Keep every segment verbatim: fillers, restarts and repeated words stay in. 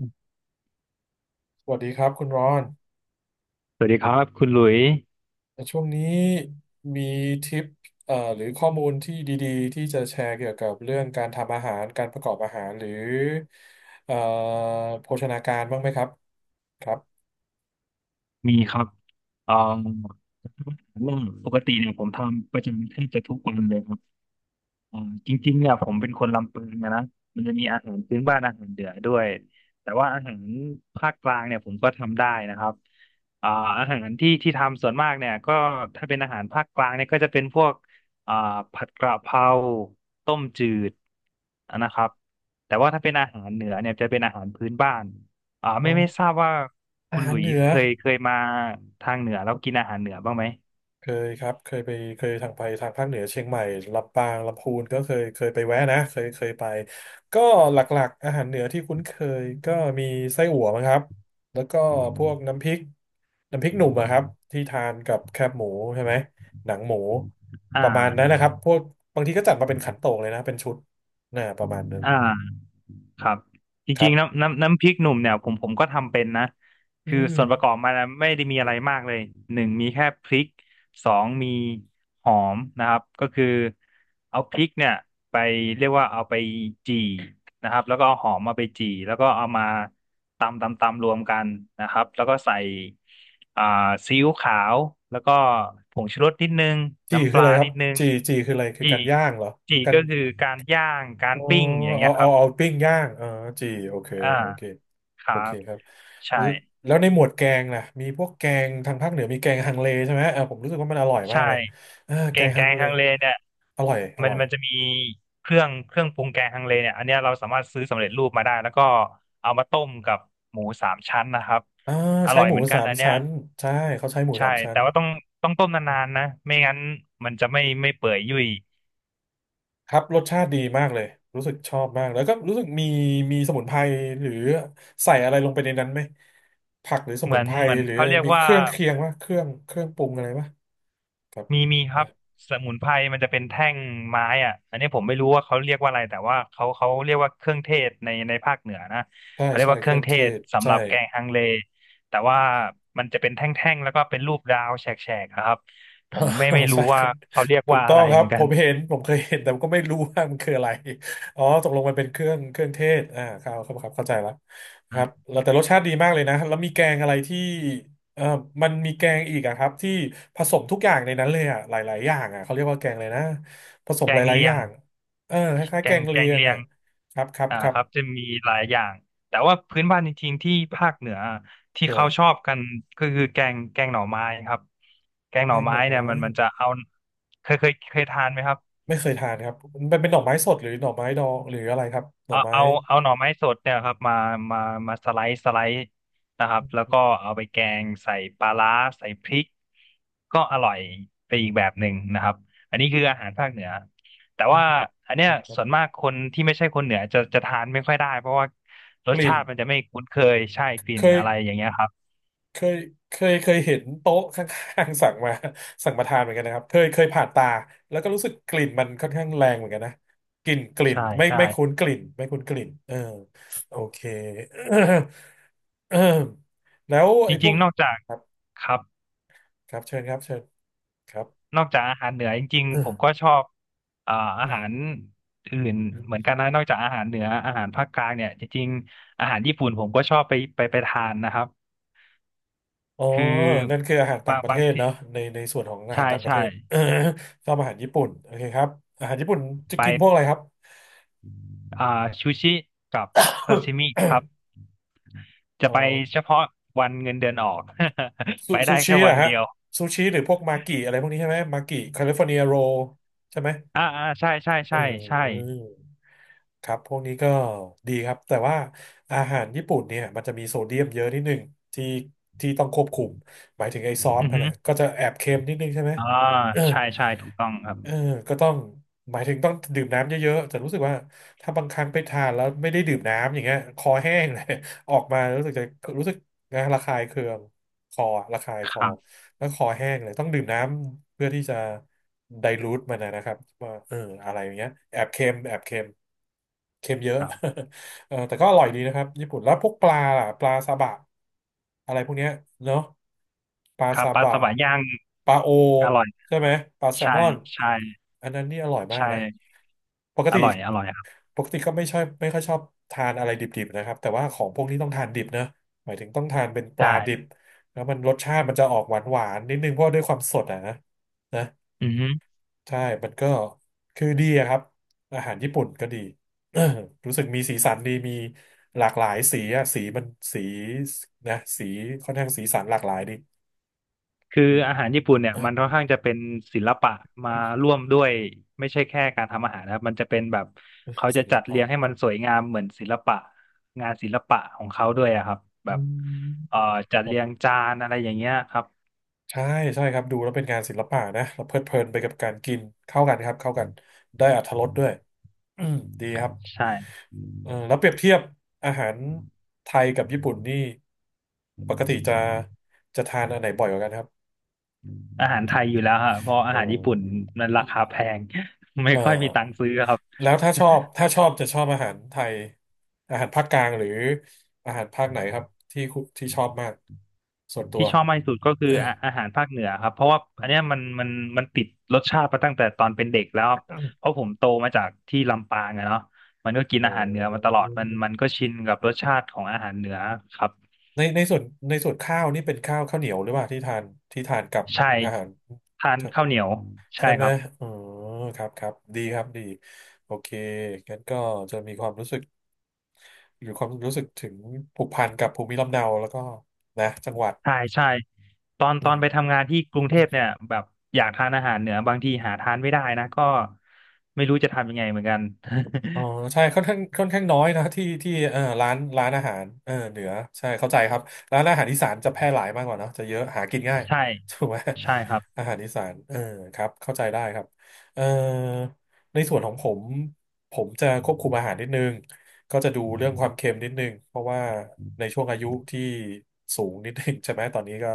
สวัสดีครับคุณรอนสวัสดีครับคุณหลุยแต่ช่วงนี้มีทิปเอ่อหรือข้อมูลที่ดีๆที่จะแชร์เกี่ยวกับเรื่องการทำอาหารการประกอบอาหารหรือเอ่อโภชนาการบ้างไหมครับครับมีครับเอ่อเรื่องปกติเนี่ยผมทำประจำแทบจะทุกวันเลยครับ อืมจริงๆเนี่ยผมเป็นคนลำพูนนะนะมันจะมีอาหารพื้นบ้านอาหารเหนือด้วยแต่ว่าอาหารภาคกลางเนี่ยผมก็ทำได้นะครับอ่าอาหารที่ที่ทำส่วนมากเนี่ยก็ถ้าเป็นอาหารภาคกลางเนี่ยก็จะเป็นพวกอ่าผัดกระเพราต้มจืดนะครับแต่ว่าถ้าเป็นอาหารเหนือเนี่ยจะเป็นอาหารพื้นบ้านอ่าอ๋อไม่ไม่ทราบว่าอาคุณหาหลุรเหยนืส์อ เคยเคยมาทางเหนือแล้วกินอาหารเหนือบ้างไหมเคยครับเคยไปเคยทางไปทางภาคเหนือเชียงใหม่ลำปางลำพูนก็เคยเคยไปแวะนะเคยเคยไปก็หลักๆอาหารเหนือที่คุ้นเคยก็มีไส้อั่วมั้งครับแล้วก็พวกน้ำพริกน้ำพริกหนุ่มอะครับที่ทานกับแคบหมูใช่ไหมหนังหมูอ่ประมาณนั้นนะาครับพวกบางทีก็จัดมาเป็นขันโตกเลยนะเป็นชุดนะประมาณนั้นอ่า ครับจครัริงๆบน้ำน้ำน้ำพริกหนุ่มเนี่ยผมผมก็ทำเป็นนะอืคือมส่วนประกอบมันนะไม่ได้มีอะไรมากเลยหนึ่งมีแค่พริกสองมีหอมนะครับก็คือเอาพริกเนี่ยไปเรียกว่าเอาไปจี่นะครับแล้วก็เอาหอมมาไปจี่แล้วก็เอามาตำตำตำรวมกันนะครับแล้วก็ใส่อ่าซีอิ๊วขาวแล้วก็ผงชูรสนิดนึงจีน้ำปคือลาอะไรครันิบดนึงจีจีคืออะไรคือจี่การย่างเหรอจี่กัน ก็คือการย่างการอ๋อปิ้งอย่างเงี้เอายคเอารับเอาปิ้งย่างอ๋อจีโอเคอ่า โอเคคโอรัเคบครับใช่แล้วแล้วในหมวดแกงล่ะมีพวกแกงทางภาคเหนือมีแกงฮังเลใช่ไหมเออผมรู้สึกว่ามันอร่อยมาใช่กเลยเออแกแกงงแกฮังงเลฮังเลเนี่ยอร่อยอมัร่นอยมันจะมีเครื่องเครื่องปรุงแกงฮังเลเนี่ยอันเนี้ยเราสามารถซื้อสำเร็จรูปมาได้แล้วก็เอามาต้มกับหมูสามชั้นนะครับอ่าอใช้ร่อยหมูเหมือนกัสานมอันเนี้ยชั้นใช่เขาใช้หมูใช่สามชั้แต่นว่าต้องต้องต้มนานๆนะไม่งั้นมันจะไม่ไม่เปื่อยยุ่ยครับรสชาติดีมากเลยรู้สึกชอบมากแล้วก็รู้สึกมีมีสมุนไพรหรือใส่อะไรลงไปในนั้นไหมผักหรือสเหมุมืนอนไพรเหมือนหรือเขาเรียกมีเคว่า รื่องเคียงวะเครื่องเครื่องปรุงอะไรวะครับ มีมีครับสมุนไพรมันจะเป็นแท่งไม้อ่ะอันนี้ผมไม่รู้ว่าเขาเรียกว่าอะไรแต่ว่าเขาเขาเรียกว่าเครื่องเทศในในภาคเหนือนะใช่เขาเรียกใช่ว่าเคเครื่รื่อองงเทเทศศสำหใช่ รับแกงฮังเลแต่ว่ามันจะเป็นแท่งๆแล้วก็เป็นรูปดาวแฉกๆนะครับผมไม่ไม่ รู้ใช่คว่ารับเขาเรียกถูกว่าต้อะอไรงครัเหบมือนผกันมเห็นผมเคยเห็นแต่ก็ไม่รู้ว่ามันคืออะไรอ๋อตกลงมันเป็นเครื่องเครื่องเทศอ่าครับครับครับเข้าใจแล้วคอ่รับะแล้วแต่รสชาติดีมากเลยนะแล้วมีแกงอะไรที่เอ่อมันมีแกงอีกอะครับที่ผสมทุกอย่างในนั้นเลยอะหลายๆอย่างอะเขาเรียกว่าแกงอะไรนะผสมแกหงลายๆเลีอยย่างงเออคล้ายแกๆแกงงแกเลีงยงเลียอะง ครับครับอ่าครับครับจะมีหลายอย่างแต่ว่าพื้นบ้านจริงๆที่ภาคเหนือที่คืออะไรเขาชอบกันก็คือแกงแกงหน่อไม้ครับแกงแกหน่องหไม้น่อเนี่ไม้ยมันมันจะเอาเคยเคยเคยทานไหมครับ ไม่เคยทานครับมันเป็นหน่อไม้สดหรือหน่อไม้ดองหรืออะไรครับหน่อเอาไม้ เอาเอาหน่อไม้สดเนี่ยครับมามามาสไลด์สไลด์นะครับแล้วก็คเอาไปแกงใส่ปลาร้าใส่พริกก็อร่อยไปอีกแบบหนึ่งนะครับอันนี้คืออาหารภาคเหนือแต่ว่าอันเนี้ยรับส่วนผมมากคนที่ไม่ใช่คนเหนือจะจะทานไม่ค่อยได้เพราะว่ารกสลิ่ชานติมันจะไม่คุ้นเคยใช่กเคลิ่นอะไรยอย่างเงี้ยครับเคยเคยเคยเห็นโต๊ะข้างๆ สั่งมาสั่งมาทานเหมือนกันนะครับเคยเคยผ่านตาแล้วก็รู้สึกกลิ่นมันค่อนข้างแรงเหมือนกันนะกลิ่นกลิ่นใช่ไม่ใช่ไม่คุ้นกลิ่นไม่คุ้นกลิ่นเออโอเค แล้วจไอ้พวริงกๆนอกจากครับครับ ครับเชิญครับเชิญครับ นอกจากอาหารเหนือจริง ๆผมอก็ชอบเอ่าอาหารอื่นเหมือนกันนะนอกจากอาหารเหนืออาหารภาคกลางเนี่ยจริงๆอาหารญี่ปุ่นผมก็ชอบไปไปไปทานนะครับอ๋อคือนั่นคืออาหารต่าบางงประเทบางศที่เนาะในในส่วนของอาหาใช่รต่างประเทใช่ศ ชอบอาหารญี่ปุ่นโอเคครับอาหารญี่ปุ่นจะไปกินพวกอะไรครับ อ่าซูชิกับซาซิ มิครับจะอ๋อไปเฉพาะวันเงินเดือนออก ซูไปซูได้ชิแค่เหรวัอนฮะเดียวซูชิหรือพวกมากิอะไรพวกนี้ใช่ไหมมากิแคลิฟอร์เนียโรใช่ไหมอ่าอ่าใช่ใช่เออใช่ใช่ครับพวกนี้ก็ดีครับแต่ว่าอาหารญี่ปุ่นเนี่ยมันจะมีโซเดียมเยอะนิดหนึ่งที่ที่ต้องควบคุมหมายถึงไอ้ซอสอือมันฮึนะก็จะแอบเค็มนิดนึงใช่ไหม อ่าใช่ ใช่ถูกต้องครับเออก็ต้องหมายถึงต้องดื่มน้ำเยอะๆแต่รู้สึกว่าถ้าบางครั้งไปทานแล้วไม่ได้ดื่มน้ำอย่างเงี้ยคอแห้งเลย ออกมารู้สึกจะรู้สึกนะระคายเคืองคอระคายคคอรับแล้วคอแห้งเลยต้องดื่มน้ำเพื่อที่จะไดลูทมันนะนะครับว่าเอออะไรอย่างเงี้ยแอบเค็มแอบเค็มเค็มเยอะ ครับ เออแต่ก็อร่อยดีนะครับญี่ปุ่นแล้วพวกปลาล่ะปลาซาบะอะไรพวกเนี้ยเนาะปลาครับซาปลาบะสวายย่างปลาโออร่อยใช่ไหมปลาแซลใช่มอนใช่ อันนั้นนี่อร่อยมากใช่ นะปกอติร่อยอร่อยครับปกติก็ไม่ชอบไม่ค่อยชอบทานอะไรดิบๆนะครับแต่ว่าของพวกนี้ต้องทานดิบนะหมายถึงต้องทานเป็นปลาใช่ดิบแล้วมันรสชาติมันจะออกหวานๆนิดนึงเพราะด้วยความสดอ่ะนะนะ อือฮึใช่มันก็คือดีอะครับอาหารญี่ปุ่นก็ดี รู้สึกมีสีสันดีมีหลากหลายสีอะสีมันสีนะสีค่อนข้างสีสันหลากหลายดีคืออืม อาหารญี่ปุ่นเนี่ ยเออมันค่อนข้างจะเป็นศิลปะมาร่วมด้วยไม่ใช่แค่การทำอาหารนะครับมันจะเป็นแบบเขาศิจะลจัดเรีปะยงให้มันสวยงามเหมือนศิลปะงานศิลปะของเขาด้วยอะครับแบอืบมเอ่อจัดครัเรียงบจานอะไรอย่างเงี้ยครับใช่ใช่ครับดูแล้วเป็นงานศิลปะนะเราเพลิดเพลินไปกับการกินเข้ากันครับเข้ากันได้อรรถรสด้วย อืมดีครับใช่เออแล้วเปรียบเทียบอาหารไทยกับญี่ปุ่นนี่ปกติจะจะทานอันไหนบ่อยกว่ากันครับ อาหารไทยอยู่แล้วฮะเพราะออาหารญี่ปุ่นมมันราคาแพง ไม่เอ่อค่อยมีตังค์ซื้อครับ แล้วถ้าชอบถ้าชอบจะชอบอาหารไทยอาหารภาคกลางหรืออาหารภาคไหนครับที่คุที่ชอบมากส่วนตัว ที่ชอบมากที่สุดก็คือ อาอาหารภาคเหนือครับเพราะว่าอือันมเนี้ยมันมันมันติดรสชาติมาตั้งแต่ตอนเป็นเด็กแล้วเพราะผมโตมาจากที่ลำปางอะเนาะมันก็กินโออาหารเหนือมาตล้อดมันมันก็ชินกับรสชาติของอาหารเหนือครับในในส่วนในส่วนข้าวนี่เป็นข้าวข้าวเหนียวหรือเปล่าที่ทานที่ทานกับใช่อาหารทานข้าวเหนียวใช่ใช่ไหคมรับอ๋อครับครับดีครับดีโอเคงั้นก็จะมีความรู้สึกหรือความรู้สึกถึงผูกพันกับภูมิลำเนาแล้วก็นะจังหวัดใช่ใช่ตอนอืตอนม ไปทำงานที่กรุงเทพเนี่ยแบบอยากทานอาหารเหนือบางทีหาทานไม่ได้นะก็ไม่รู้จะทำยังไงเหมือนกัน อ๋อใช่ค่อนข้างค่อนข้างน้อยนะที่ที่เออร้านร้านอาหารเออเหนือใช่เข้าใจครับร้านอาหารอีสานจะแพร่หลายมากกว่าเนอะจะเยอะหากินง่าย ใช่ ถูกไหมใช่ครับอาหารอีสานเออครับเข้าใจได้ครับเออในส่วนของผมผมจะควบคุมอาหารนิดนึง ก็จะดูเรื่องความเค็มนิดนึงเพราะว่าในช่วงอายุที่สูงนิดนึง ใช่ไหมตอนนี้ก็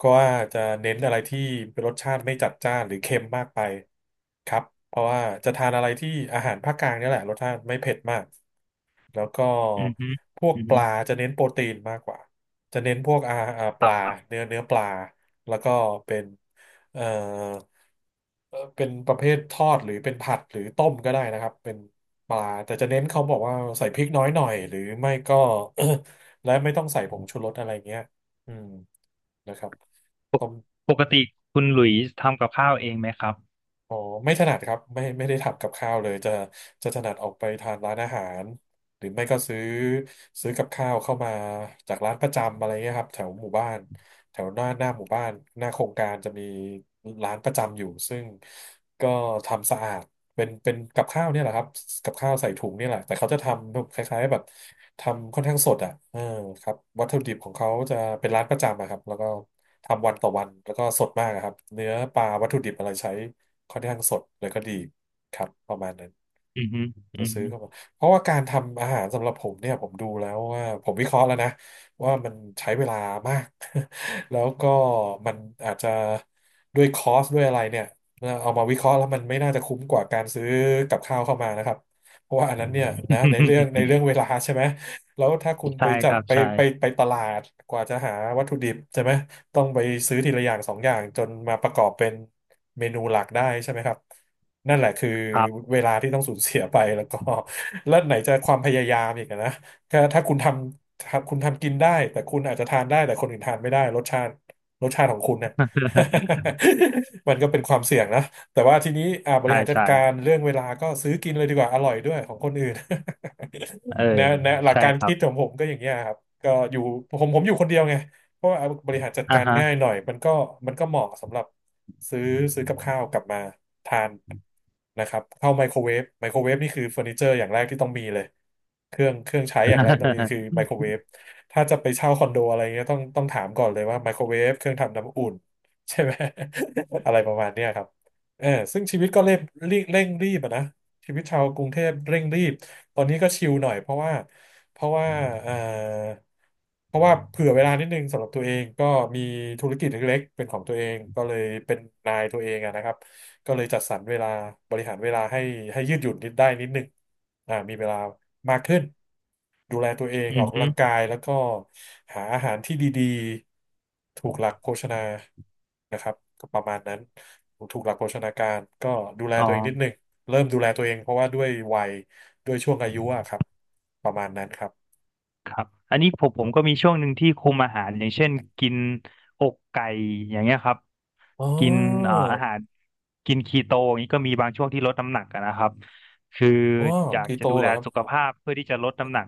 ก็ว่าจะเน้นอะไรที่เป็นรสชาติไม่จัดจ้านหรือเค็มมากไปครับเพราะว่าจะทานอะไรที่อาหารภาคกลางเนี่ยแหละรสชาติไม่เผ็ดมาก แล้วก็อือฮึพวกอือปฮึ ลาจะเน้นโปรตีนมากกว่าจะเน้นพวกอาอ่าปลาเนื้อเนื้อปลาแล้วก็เป็นเอ่อเอ่อเป็นประเภททอดหรือเป็นผัดหรือต้มก็ได้นะครับเป็นปลาแต่จะเน้นเขาบอกว่าใส่พริกน้อยหน่อยหรือไม่ก็ และไม่ต้องใส่ผงชูรสอะไรเงี้ยอืมนะครับปกต้ม ปกติคุณหลุยส์ทำกับข้าวเองไหมครับอ๋อไม่ถนัดครับไม่ไม่ได้ทำกับข้าวเลยจะจะถนัดออกไปทานร้านอาหารหรือไม่ก็ซื้อซื้อกับข้าวเข้ามาจากร้านประจำอะไรเงี้ยครับแถวหมู่บ้าน แถวหน้าหน้าหมู่บ้านหน้าโครงการจะมีร้านประจำอยู่ซึ่งก็ทำสะอาดเป็นเป็นกับข้าวเนี่ยแหละครับกับข้าวใส่ถุงเนี่ยแหละแต่เขาจะทำคล้ายๆแบบทำค่อนข้างสดอ่ะเออครับวัตถุดิบของเขาจะเป็นร้านประจำอะครับแล้วก็ทำวันต่อวันแล้วก็สดมากอะครับเนื้อปลาวัตถุดิบอะไรใช้ค่อนข้างสดแล้วก็ดีครับประมาณนั้น อือฮึอืจะอซื้อฮึ เข้ามาเพราะว่าการทำอาหารสำหรับผมเนี่ยผมดูแล้วว่าผมวิเคราะห์แล้วนะว่ามันใช้เวลามาก แล้วก็มันอาจจะด้วยคอสด้วยอะไรเนี่ยเอามาวิเคราะห์แล้วมันไม่น่าจะคุ้มกว่าการซื้อกับข้าวเข้ามานะครับเพราะว่าอันนั้นเนี่ยนะในเรื่องใน เรื่องเวลาใช่ไหม แล้วถ้าคุณไปใช่จัคบรับ ไปใช่ไปไปตลาดกว่าจะหาวัตถุดิบใช่ไหมต้องไปซื้อทีละอย่างสองอย่างจนมาประกอบเป็นเมนูหลักได้ใช่ไหมครับนั่นแหละคือครับ เวลาที่ต้องสูญเสียไปแล้วก็ แล้วไหนจะความพยายามอีกอะนะถ้าถ้าคุณทำถ้าคุณทำกินได้แต่คุณอาจจะทานได้แต่คนอื่นทานไม่ได้รสชาติรสชาติของคุณเนี่ย มันก็เป็นความเสี่ยงนะแต่ว่าทีนี้อ่าบริใช่หารจัดใช่การเรื่องเวลาก็ซื้อกินเลยดีกว่าอร่อยด้วยของคนอื่น เออแนวแนวหลักใช่การครัคิดขอบงผมก็อย่างเงี้ยครับก็อยู่ผมผมอยู่คนเดียวไงเพราะว่าบริหารจัดอ่าการฮะ ง่ายหน่อย มันก็มันก็เหมาะสำหรับซื้อซื้อกับข้าวกลับมาทานนะครับเข้าไมโครเวฟไมโครเวฟนี่คือเฟอร์นิเจอร์อย่างแรกที่ต้องมีเลยเครื่องเครื่องใช้อย่างแรกต้องมีคือ ไมโครเวฟถ้าจะไปเช่าคอนโดอะไรเงี้ยต้องต้องถามก่อนเลยว่าไมโครเวฟเครื่องทำน้ำอุ่นใช่ไหม อะไรประมาณเนี้ยครับเออซึ่งชีวิตก็เร่งเร่งเร่งรีบอะนะ ชีวิตชาวกรุงเทพเร่งรีบตอนนี้ก็ชิลหน่อยเพราะว่าเพราะว่าเอ่อเพราะว่าเผื่อเวลานิดนึงสำหรับตัวเองก็มีธุรกิจเล็กๆเป็นของตัวเองก็เลยเป็นนายตัวเองอะนะครับก็เลยจัดสรรเวลาบริหารเวลาให้ให้ยืดหยุ่นนิดได้นิดนึงอ่ามีเวลามากขึ้นดูแลตัวเองออืออกกำฮึลังกายแล้วก็หาอาหารที่ดีๆถูกหลักโภชนานะครับก็ประมาณนั้นถูกหลักโภชนาการก็ดูแลอ๋ตัวเองนิดนึอ ง เริ่มดูแลตัวเองเพราะว่าด้วยวัยด้วยช่วงอายุอะครับประมาณนั้นครับครับอันนี้ผมผมก็มีช่วงหนึ่งที่คุมอาหารอย่างเช่นกินอกไก่อย่างเงี้ยครับอ๋อกินเอ่ออาหารกินคีโตอย่างนี้ก็มีบางช่วงที่ลดน้ำหนักอะนะครับคืออ๋ออยากคีจะโตดูเหรแลอครับ สุขภาพเพื่อที่จะลดน้ำหนัก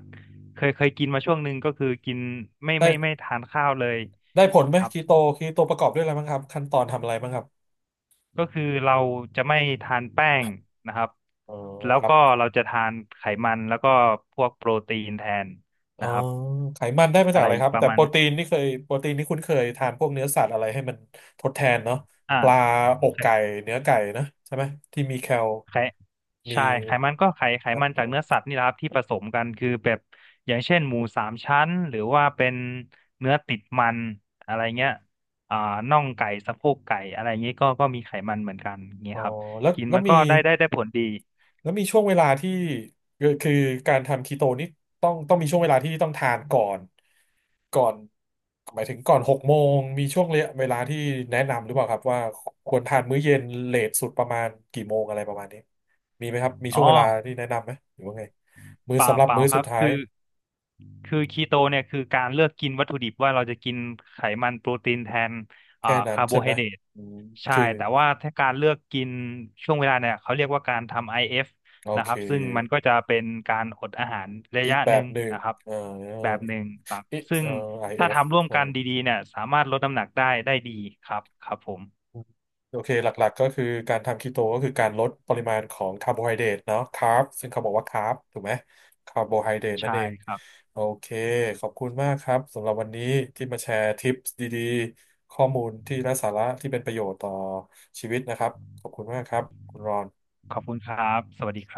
เคยเคยกินมาช่วงหนึ่งก็คือกินไม่ได้ไม่ไม่ทานข้าวเลยได้ผลไหมครับคีโตคีโตประกอบด้วยอะไรบ้างครับขั้นตอนทำอะไรบ้างครับก็คือเราจะไม่ทานแป้งนะครับอ๋อแล้วครับก็เราจะทานไขมันแล้วก็พวกโปรตีนแทนอ๋อนะครับไขมันได้มาจาอะกไรอะไรครับประแต่มาโปณรตีนนี่เคยโปรตีนนี่คุ้นเคยทานพวกเนื้อสัตว์อะไรให้มันทดแทนเนาะปลาอ่า อกไก่เนื้อไก่นะใช่ไหมที่มีแคลไขมี ใช่ไขมันก็ไขไขมันจากเนื้อสัตว์นี่แหละครับที่ผสมกันคือแบบอย่างเช่นหมูสามชั้นหรือว่าเป็นเนื้อติดมันอะไรเงี้ยอ่าน่องไก่สะโพกไก่อะไรเงี้ยก็ก็มีไขมันเหมือนกันเงี้อ๋ยอครับแล้วกินแล้วมันมีก็ได้ได้ได้ผลดีแล้วมีช่วงเวลาที่คือคือการทำคีโตนี่ต้องต้องมีช่วงเวลาที่ต้องทานก่อนก่อนหมายถึงก่อนหกโมงมีช่วงเวลาที่แนะนำหรือเปล่าครับว่าควรทานมื้อเย็นเลทสุดประมาณกี่โมงอะไรประมาณนี้มีไหมครับมีอ๋ช่อวงเวลาที่แนะนำไหมหรือว่าไงมื้อเปล่าสำหรับเปล่ามื้อคสุรัดบท้ายคือ คือคีโตเนี่ยคือการเลือกกินวัตถุดิบว่าเราจะกินไขมันโปรตีนแทนอ่าแค่นั้นคาร์โบใช่ไหไฮมเดรตอืมใช่คือแต่ว่าถ้าการเลือกกินช่วงเวลาเนี่ยเขาเรียกว่าการทำ ไอ เอฟ โอนะคเครับซึ่งมันก็จะเป็นการอดอาหารระอีกยะแบหนึ่บงหนึ่งนะครับเอ่อแบบอีหกนึ่งครับซึ่งเอ่อ i ถ้าฟ ทำร่วมกันดีๆเนี่ยสามารถลดน้ำหนักได้ได้ดีครับครับผมโอเคหลักๆก็คือการทำคีโตก็คือการลดปริมาณของคาร์โบไฮเดรตเนาะคาร์บซึ่งเขาบอกว่าคาร์บถูกไหมคาร์โบไฮเดรตนั่นใช่เองครับโอเคขอบคุณมากครับสำหรับวันนี้ที่มาแชร์ทิปส์ดีๆข้อมูลที่ไร้สาระที่เป็นประโยชน์ต่อชีวิตนะครับขอบคุณมากครับคุณรอนขอบคุณครับสวัสดี